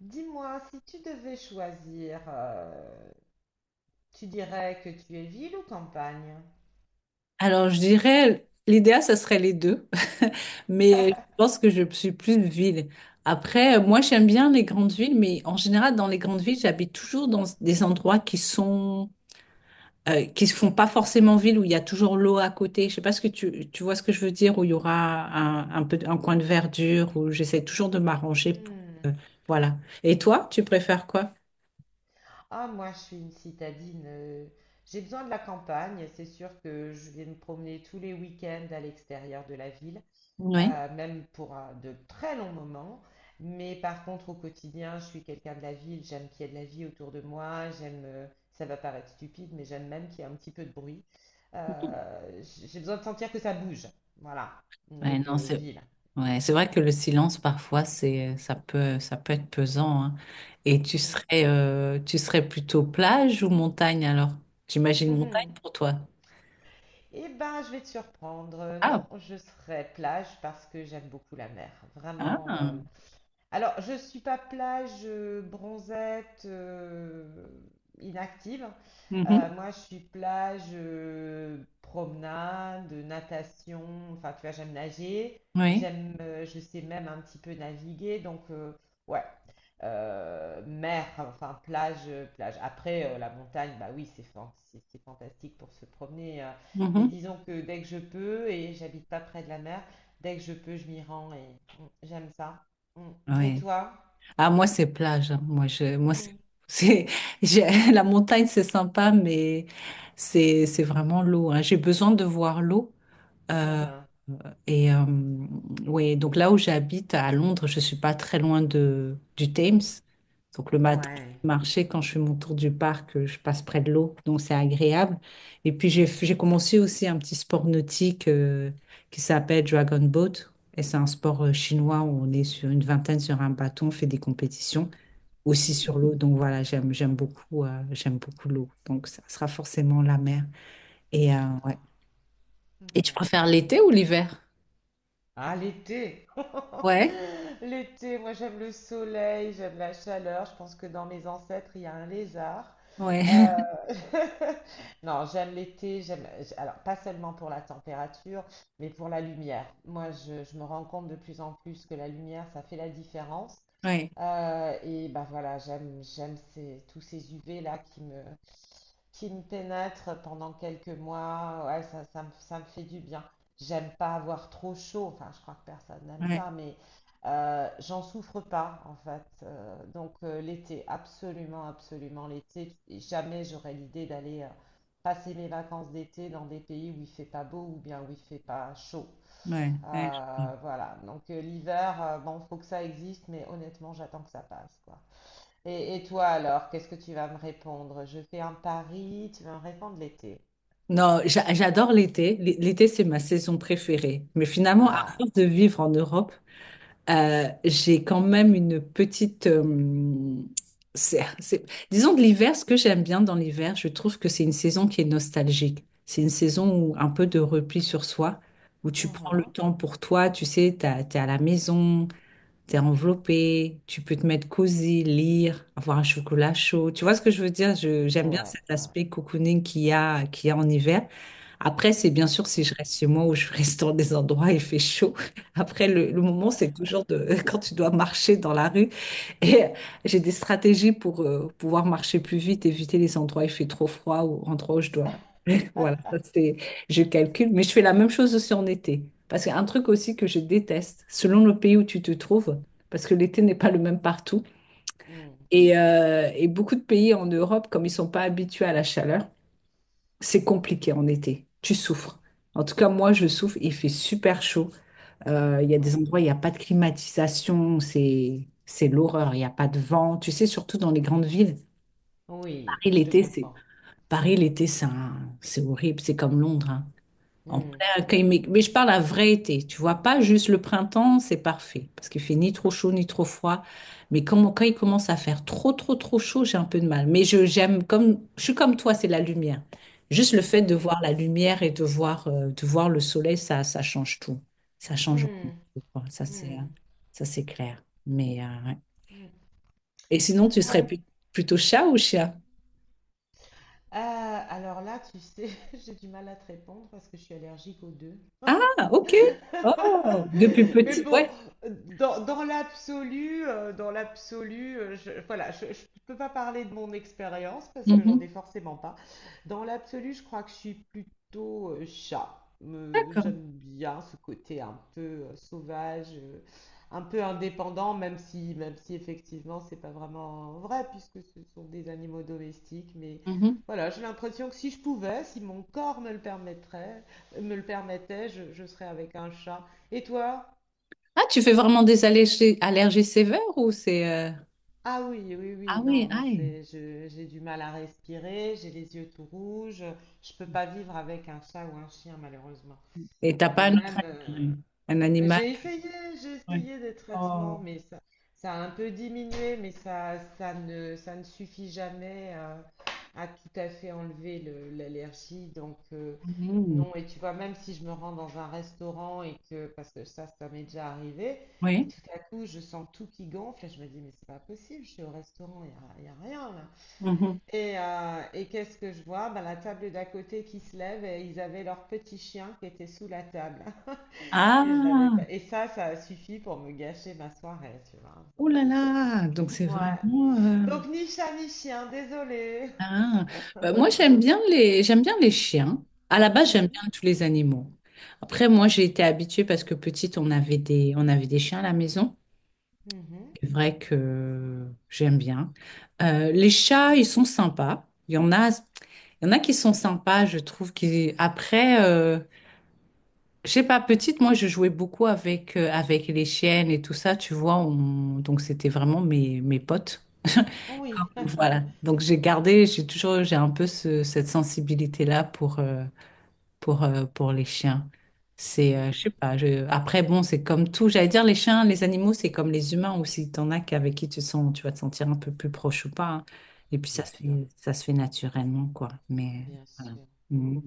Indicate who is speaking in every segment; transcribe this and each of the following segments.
Speaker 1: Dis-moi, si tu devais choisir, tu dirais que tu es ville ou campagne?
Speaker 2: Alors, je dirais, l'idéal, ça serait les deux, mais je pense que je suis plus ville. Après, moi, j'aime bien les grandes villes, mais en général, dans les grandes villes, j'habite toujours dans des endroits qui se font pas forcément ville, où il y a toujours l'eau à côté. Je sais pas ce que tu vois ce que je veux dire, où il y aura un coin de verdure, où j'essaie toujours de m'arranger pour,
Speaker 1: Hmm.
Speaker 2: voilà. Et toi, tu préfères quoi?
Speaker 1: Ah, moi, je suis une citadine. J'ai besoin de la campagne. C'est sûr que je vais me promener tous les week-ends à l'extérieur de la ville.
Speaker 2: Ouais.
Speaker 1: Même pour de très longs moments. Mais par contre, au quotidien, je suis quelqu'un de la ville, j'aime qu'il y ait de la vie autour de moi, j'aime, ça va paraître stupide, mais j'aime même qu'il y ait un petit peu de bruit. J'ai besoin de sentir que ça bouge. Voilà. Donc,
Speaker 2: Ouais, non, c'est
Speaker 1: ville.
Speaker 2: ouais, c'est vrai que le silence parfois c'est ça peut être pesant hein. Et tu serais plutôt plage ou montagne alors? J'imagine montagne
Speaker 1: Mm.
Speaker 2: pour toi.
Speaker 1: Eh ben, je vais te surprendre. Non,
Speaker 2: Ah,
Speaker 1: je serai plage parce que j'aime beaucoup la mer. Vraiment,
Speaker 2: ah.
Speaker 1: alors, je ne suis pas plage, bronzette, inactive.
Speaker 2: Mhm.
Speaker 1: Moi, je suis plage, promenade, natation. Enfin, tu vois, j'aime nager.
Speaker 2: Oui.
Speaker 1: J'aime, je sais même un petit peu naviguer. Donc, ouais. Mer, enfin, plage, plage. Après, la montagne, bah oui, c'est fantastique pour se promener. Mais
Speaker 2: Mhm.
Speaker 1: disons que dès que je peux, et j'habite pas près de la mer, dès que je peux, je m'y rends et mm, j'aime ça. Mm. Et
Speaker 2: Oui.
Speaker 1: toi?
Speaker 2: Ah moi c'est plage, hein. Moi je moi
Speaker 1: Hmm.
Speaker 2: c'est- la montagne c'est sympa mais c'est vraiment l'eau, hein. J'ai besoin de voir l'eau.
Speaker 1: Ah
Speaker 2: euh,
Speaker 1: ah.
Speaker 2: Et oui, donc là où j'habite à Londres, je suis pas très du Thames. Donc le matin, je
Speaker 1: Ouais.
Speaker 2: peux marcher quand je fais mon tour du parc, je passe près de l'eau, donc c'est agréable. Et puis j'ai commencé aussi un petit sport nautique qui s'appelle Dragon Boat. Et c'est un sport chinois où on est sur une vingtaine sur un bâton, on fait des compétitions aussi sur
Speaker 1: Hmm.
Speaker 2: l'eau. Donc voilà, j'aime beaucoup l'eau. Donc ça sera forcément la mer. Et euh, ouais.
Speaker 1: D'accord.
Speaker 2: Et
Speaker 1: Ok.
Speaker 2: tu préfères l'été ou l'hiver?
Speaker 1: Ah, l'été!
Speaker 2: Ouais,
Speaker 1: L'été, moi j'aime le soleil, j'aime la chaleur. Je pense que dans mes ancêtres, il y a un lézard.
Speaker 2: ouais.
Speaker 1: Euh, Non, j'aime l'été, alors pas seulement pour la température, mais pour la lumière. Moi, je me rends compte de plus en plus que la lumière, ça fait la différence.
Speaker 2: Ouais,
Speaker 1: Et ben voilà, j'aime ces, tous ces UV là qui me pénètrent pendant quelques mois. Ouais, ça me fait du bien. J'aime pas avoir trop chaud, enfin je crois que personne n'aime
Speaker 2: ouais,
Speaker 1: ça, mais j'en souffre pas en fait. Donc l'été, absolument, absolument l'été. Et jamais j'aurais l'idée d'aller passer mes vacances d'été dans des pays où il fait pas beau ou bien où il fait pas chaud.
Speaker 2: ouais, ouais.
Speaker 1: Voilà, donc l'hiver, bon, faut que ça existe, mais honnêtement j'attends que ça passe quoi. Et toi alors, qu'est-ce que tu vas me répondre? Je fais un pari, tu vas me répondre l'été.
Speaker 2: Non, j'adore l'été. L'été, c'est ma saison préférée. Mais finalement, à
Speaker 1: Ah,
Speaker 2: force de vivre en Europe, j'ai quand même une petite... c'est- c'est- disons que l'hiver, ce que j'aime bien dans l'hiver, je trouve que c'est une saison qui est nostalgique. C'est une saison où un peu de repli sur soi, où tu prends le
Speaker 1: mhm.
Speaker 2: temps pour toi, tu sais, t'es à la maison, t'es enveloppé, tu peux te mettre cosy, lire, avoir un chocolat chaud. Tu vois ce que je veux dire? J'aime bien
Speaker 1: Ouais,
Speaker 2: cet
Speaker 1: ouais.
Speaker 2: aspect cocooning qu'il y a en hiver. Après, c'est bien sûr si
Speaker 1: Mm.
Speaker 2: je reste chez moi ou je reste dans des endroits où il fait chaud. Après, le moment, c'est toujours de, quand tu dois marcher dans la rue. Et j'ai des stratégies pour pouvoir marcher plus vite, éviter les endroits où il fait trop froid ou endroits où je dois voilà, ça c'est, je calcule, mais je fais la même chose aussi en été. Parce qu'un truc aussi que je déteste, selon le pays où tu te trouves, parce que l'été n'est pas le même partout,
Speaker 1: Hmm.
Speaker 2: et beaucoup de pays en Europe, comme ils sont pas habitués à la chaleur, c'est compliqué en été. Tu souffres. En tout cas, moi, je souffre. Il fait super chaud. Il y a des
Speaker 1: Ouais.
Speaker 2: endroits où il n'y a pas de climatisation. C'est l'horreur. Il n'y a pas de vent. Tu sais, surtout dans les grandes villes.
Speaker 1: Oui,
Speaker 2: Paris,
Speaker 1: je te
Speaker 2: l'été, c'est,
Speaker 1: comprends.
Speaker 2: Paris, l'été, c'est horrible. C'est comme Londres, hein. En
Speaker 1: Hmm.
Speaker 2: plein accueil, mais je parle à vrai été, tu vois, pas juste le printemps, c'est parfait, parce qu'il fait ni trop chaud ni trop froid. Mais quand il commence à faire trop chaud, j'ai un peu de mal. J'aime, comme, je suis comme toi, c'est la lumière. Juste le fait de
Speaker 1: Oui.
Speaker 2: voir la lumière et de voir le soleil, ça change tout. Ça change vraiment
Speaker 1: Hmm.
Speaker 2: tout, quoi. Ça, c'est,
Speaker 1: Hmm.
Speaker 2: ça, c'est clair. Mais, ouais.
Speaker 1: Hmm.
Speaker 2: Et sinon,
Speaker 1: Ouais.
Speaker 2: plutôt chat ou chien?
Speaker 1: Euh, alors là, tu sais, j'ai du mal à te répondre parce que je suis allergique aux deux.
Speaker 2: Ah, ok. Oh, depuis
Speaker 1: Mais
Speaker 2: petit,
Speaker 1: bon,
Speaker 2: ouais.
Speaker 1: dans l'absolu, voilà, je peux pas parler de mon expérience parce que j'en ai
Speaker 2: Mhm.
Speaker 1: forcément pas. Dans l'absolu, je crois que je suis plutôt chat.
Speaker 2: D'accord.
Speaker 1: J'aime bien ce côté un peu sauvage, un peu indépendant, même si effectivement c'est pas vraiment vrai puisque ce sont des animaux domestiques. Mais
Speaker 2: Mhm.
Speaker 1: voilà, j'ai l'impression que si je pouvais, si mon corps me le permettrait, me le permettait, je serais avec un chat. Et toi?
Speaker 2: Ah, tu fais vraiment des allergies, allergies sévères ou c'est... euh.
Speaker 1: Ah oui, oui,
Speaker 2: Ah
Speaker 1: oui, non,
Speaker 2: oui, aïe.
Speaker 1: j'ai du mal à respirer, j'ai les yeux tout rouges, je peux pas vivre avec un chat ou un chien malheureusement.
Speaker 2: Et t'as pas
Speaker 1: Et
Speaker 2: un autre
Speaker 1: même,
Speaker 2: animal? Un animal?
Speaker 1: j'ai essayé, j'ai
Speaker 2: Ouais.
Speaker 1: essayé des traitements,
Speaker 2: Oh.
Speaker 1: mais ça a un peu diminué, mais ça ne suffit jamais à, à tout à fait enlever l'allergie. Donc,
Speaker 2: Mhm.
Speaker 1: non, et tu vois, même si je me rends dans un restaurant et que, parce que ça m'est déjà arrivé, et
Speaker 2: Oui.
Speaker 1: tout à coup, je sens tout qui gonfle, et je me dis, mais c'est pas possible, je suis au restaurant, y a rien là.
Speaker 2: Mhm.
Speaker 1: Et qu'est-ce que je vois? Ben, la table d'à côté qui se lève et ils avaient leur petit chien qui était sous la table. Et je l'avais
Speaker 2: Ah,
Speaker 1: pas. Et ça a suffi pour me gâcher ma soirée, tu vois.
Speaker 2: oh là
Speaker 1: Donc,
Speaker 2: là. Donc c'est
Speaker 1: ouais.
Speaker 2: vraiment... euh.
Speaker 1: Donc ni chat ni chien, désolé.
Speaker 2: Ah. Bah, moi, j'aime bien les chiens. À la base, j'aime
Speaker 1: Mhm.
Speaker 2: bien tous les animaux. Après, moi, j'ai été habituée parce que petite, on avait des chiens à la maison.
Speaker 1: Mhm.
Speaker 2: C'est vrai que j'aime bien. Les chats, ils sont sympas. Il y en a, il y en a qui sont sympas, je trouve. Qui... Après, je sais pas, petite, moi, je jouais beaucoup avec, avec les chiennes et tout ça, tu vois. Donc, c'était vraiment mes potes.
Speaker 1: Oui.
Speaker 2: Voilà. Donc, j'ai gardé, j'ai toujours, j'ai un peu cette sensibilité-là pour, pour les chiens. C'est,
Speaker 1: Hmm.
Speaker 2: je sais pas, je... après, bon, c'est comme tout. J'allais dire, les chiens, les animaux, c'est comme les humains aussi. T'en as qu'avec qui tu sens, tu vas te sentir un peu plus proche ou pas, hein. Et puis,
Speaker 1: Bien sûr,
Speaker 2: ça se fait naturellement, quoi. Mais
Speaker 1: bien
Speaker 2: voilà.
Speaker 1: sûr. Hmm.
Speaker 2: Mhm.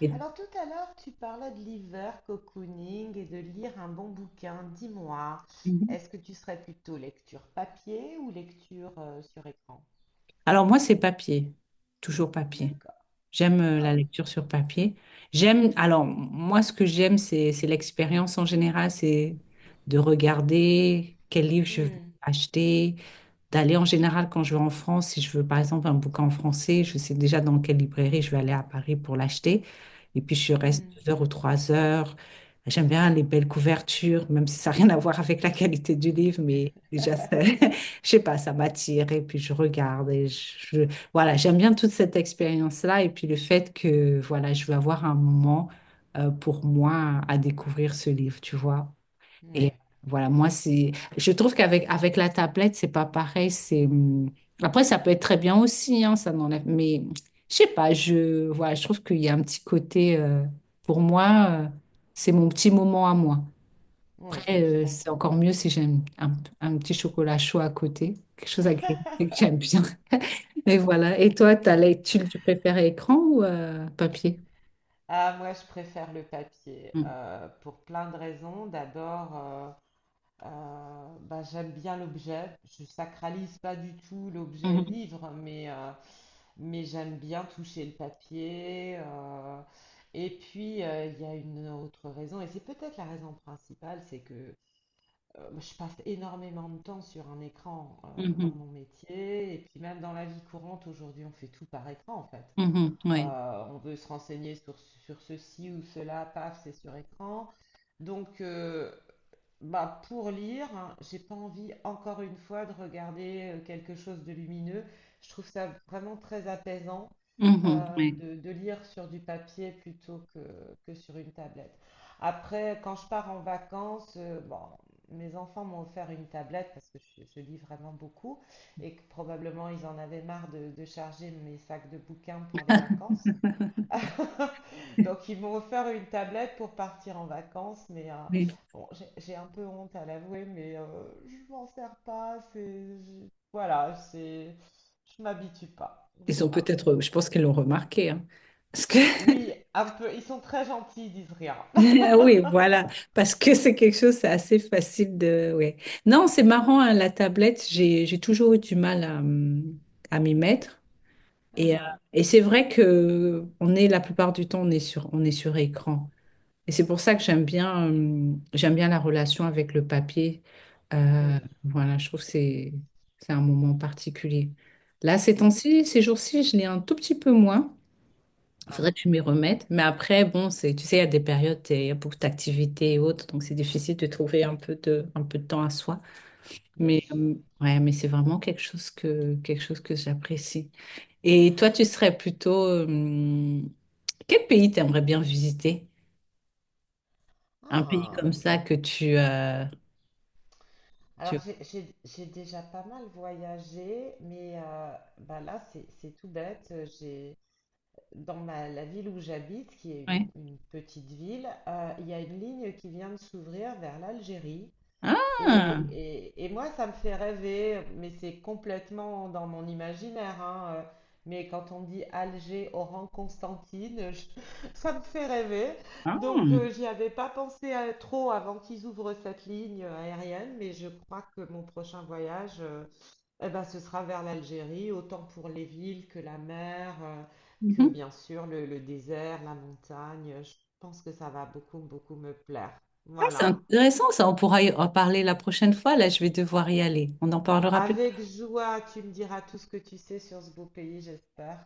Speaker 2: Et-
Speaker 1: Alors tout à l'heure, tu parlais de liver cocooning et de lire un bon bouquin. Dis-moi,
Speaker 2: Mhm.
Speaker 1: est-ce que tu serais plutôt lecture papier ou lecture sur écran?
Speaker 2: Alors, moi, c'est papier. Toujours papier.
Speaker 1: D'accord.
Speaker 2: J'aime la
Speaker 1: Ah
Speaker 2: lecture sur papier. J'aime, alors, moi, ce que j'aime, c'est l'expérience en général, c'est de regarder quel livre je vais
Speaker 1: oui.
Speaker 2: acheter d'aller en général quand je vais en France, si je veux par exemple un bouquin en français, je sais déjà dans quelle librairie je vais aller à Paris pour l'acheter. Et puis je
Speaker 1: Hmm,
Speaker 2: reste
Speaker 1: hmm.
Speaker 2: 2 heures ou 3 heures. J'aime bien les belles couvertures, même si ça n'a rien à voir avec la qualité du livre, mais déjà, je sais pas, ça m'attire et puis je regarde je- voilà, j'aime bien toute cette expérience-là et puis le fait que voilà, je vais avoir un moment pour moi à découvrir ce livre, tu vois.
Speaker 1: Oui,
Speaker 2: Et voilà,
Speaker 1: oui,
Speaker 2: moi, c'est, je trouve qu'avec avec la tablette, c'est pas pareil. Après, ça peut être très bien aussi, hein, ça n'enlève, mais je sais pas, voilà, je trouve qu'il y a un petit côté, pour moi, euh, c'est mon petit moment à moi.
Speaker 1: oui,
Speaker 2: Après,
Speaker 1: je
Speaker 2: c'est
Speaker 1: comprends.
Speaker 2: encore mieux si j'ai un petit chocolat chaud à côté, quelque chose agréable que j'aime bien. Mais voilà. Et toi, tu préfères écran ou papier?
Speaker 1: Ah, moi, je préfère le papier
Speaker 2: Mm.
Speaker 1: pour plein de raisons. D'abord, bah, j'aime bien l'objet. Je sacralise pas du tout l'objet
Speaker 2: Mhm,
Speaker 1: livre, mais j'aime bien toucher le papier. Et puis, il y a une autre raison, et c'est peut-être la raison principale, c'est que je passe énormément de temps sur un écran dans
Speaker 2: mhm,
Speaker 1: mon métier, et puis même dans la vie courante, aujourd'hui, on fait tout par écran, en fait.
Speaker 2: mhm, ouais.
Speaker 1: On veut se renseigner sur ceci ou cela, paf, c'est sur écran. Donc, bah, pour lire, hein, j'ai pas envie encore une fois de regarder quelque chose de lumineux. Je trouve ça vraiment très apaisant
Speaker 2: Mhm, ouais.
Speaker 1: de lire sur du papier plutôt que sur une tablette. Après, quand je pars en vacances, bon, mes enfants m'ont offert une tablette parce que je lis vraiment beaucoup et que probablement ils en avaient marre de charger mes sacs de bouquins pour les vacances. Donc ils m'ont offert une tablette pour partir en vacances, mais
Speaker 2: Oui.
Speaker 1: bon, j'ai un peu honte à l'avouer, mais je m'en sers pas. Voilà, c'est je m'habitue pas.
Speaker 2: Ils ont
Speaker 1: Voilà. Donc.
Speaker 2: peut-être, je pense qu'ils l'ont remarqué, hein. Parce que,
Speaker 1: Oui, un peu. Ils sont très gentils, ils disent rien.
Speaker 2: oui, voilà, parce que c'est quelque chose, c'est assez facile de, ouais. Non, c'est marrant, hein, la tablette, j'ai toujours eu du mal à m'y mettre. Et, euh,
Speaker 1: Ah,
Speaker 2: et c'est vrai que la plupart du temps, on est sur écran. Et c'est pour ça que j'aime bien la relation avec le papier.
Speaker 1: ah.
Speaker 2: Euh,
Speaker 1: Hmm.
Speaker 2: voilà, je trouve que c'est un moment particulier. Là,
Speaker 1: Mm.
Speaker 2: ces jours-ci, je l'ai un tout petit peu moins.
Speaker 1: Ah,
Speaker 2: Faudrait que je m'y remette. Mais après, bon, c'est, tu sais, il y a des périodes, il y a beaucoup d'activités et autres, donc c'est difficile de trouver un peu de temps à soi.
Speaker 1: bien
Speaker 2: Mais
Speaker 1: sûr.
Speaker 2: ouais, mais c'est vraiment quelque chose que j'apprécie. Et toi, tu serais plutôt, quel pays t'aimerais bien visiter? Un pays
Speaker 1: Ah.
Speaker 2: comme ça que tu...
Speaker 1: Alors j'ai déjà pas mal voyagé, mais bah là c'est tout bête. J'ai. Dans la ville où j'habite, qui est
Speaker 2: Ouais.
Speaker 1: une petite ville, il y a une ligne qui vient de s'ouvrir vers l'Algérie. Et,
Speaker 2: Ah,
Speaker 1: et- et moi, ça me fait rêver, mais c'est complètement dans mon imaginaire, hein, mais quand on dit Alger, Oran, Constantine, ça me fait rêver.
Speaker 2: ah,
Speaker 1: Donc, j'y avais pas pensé trop avant qu'ils ouvrent cette ligne aérienne, mais je crois que mon prochain voyage, eh ben, ce sera vers l'Algérie, autant pour les villes que la mer, que
Speaker 2: mhm.
Speaker 1: bien sûr le désert, la montagne. Je pense que ça va beaucoup, beaucoup me plaire.
Speaker 2: Ah, c'est
Speaker 1: Voilà.
Speaker 2: intéressant, ça. On pourra y en parler la prochaine fois. Là, je vais devoir y aller. On en parlera plus.
Speaker 1: Avec joie, tu me diras tout ce que tu sais sur ce beau pays, j'espère.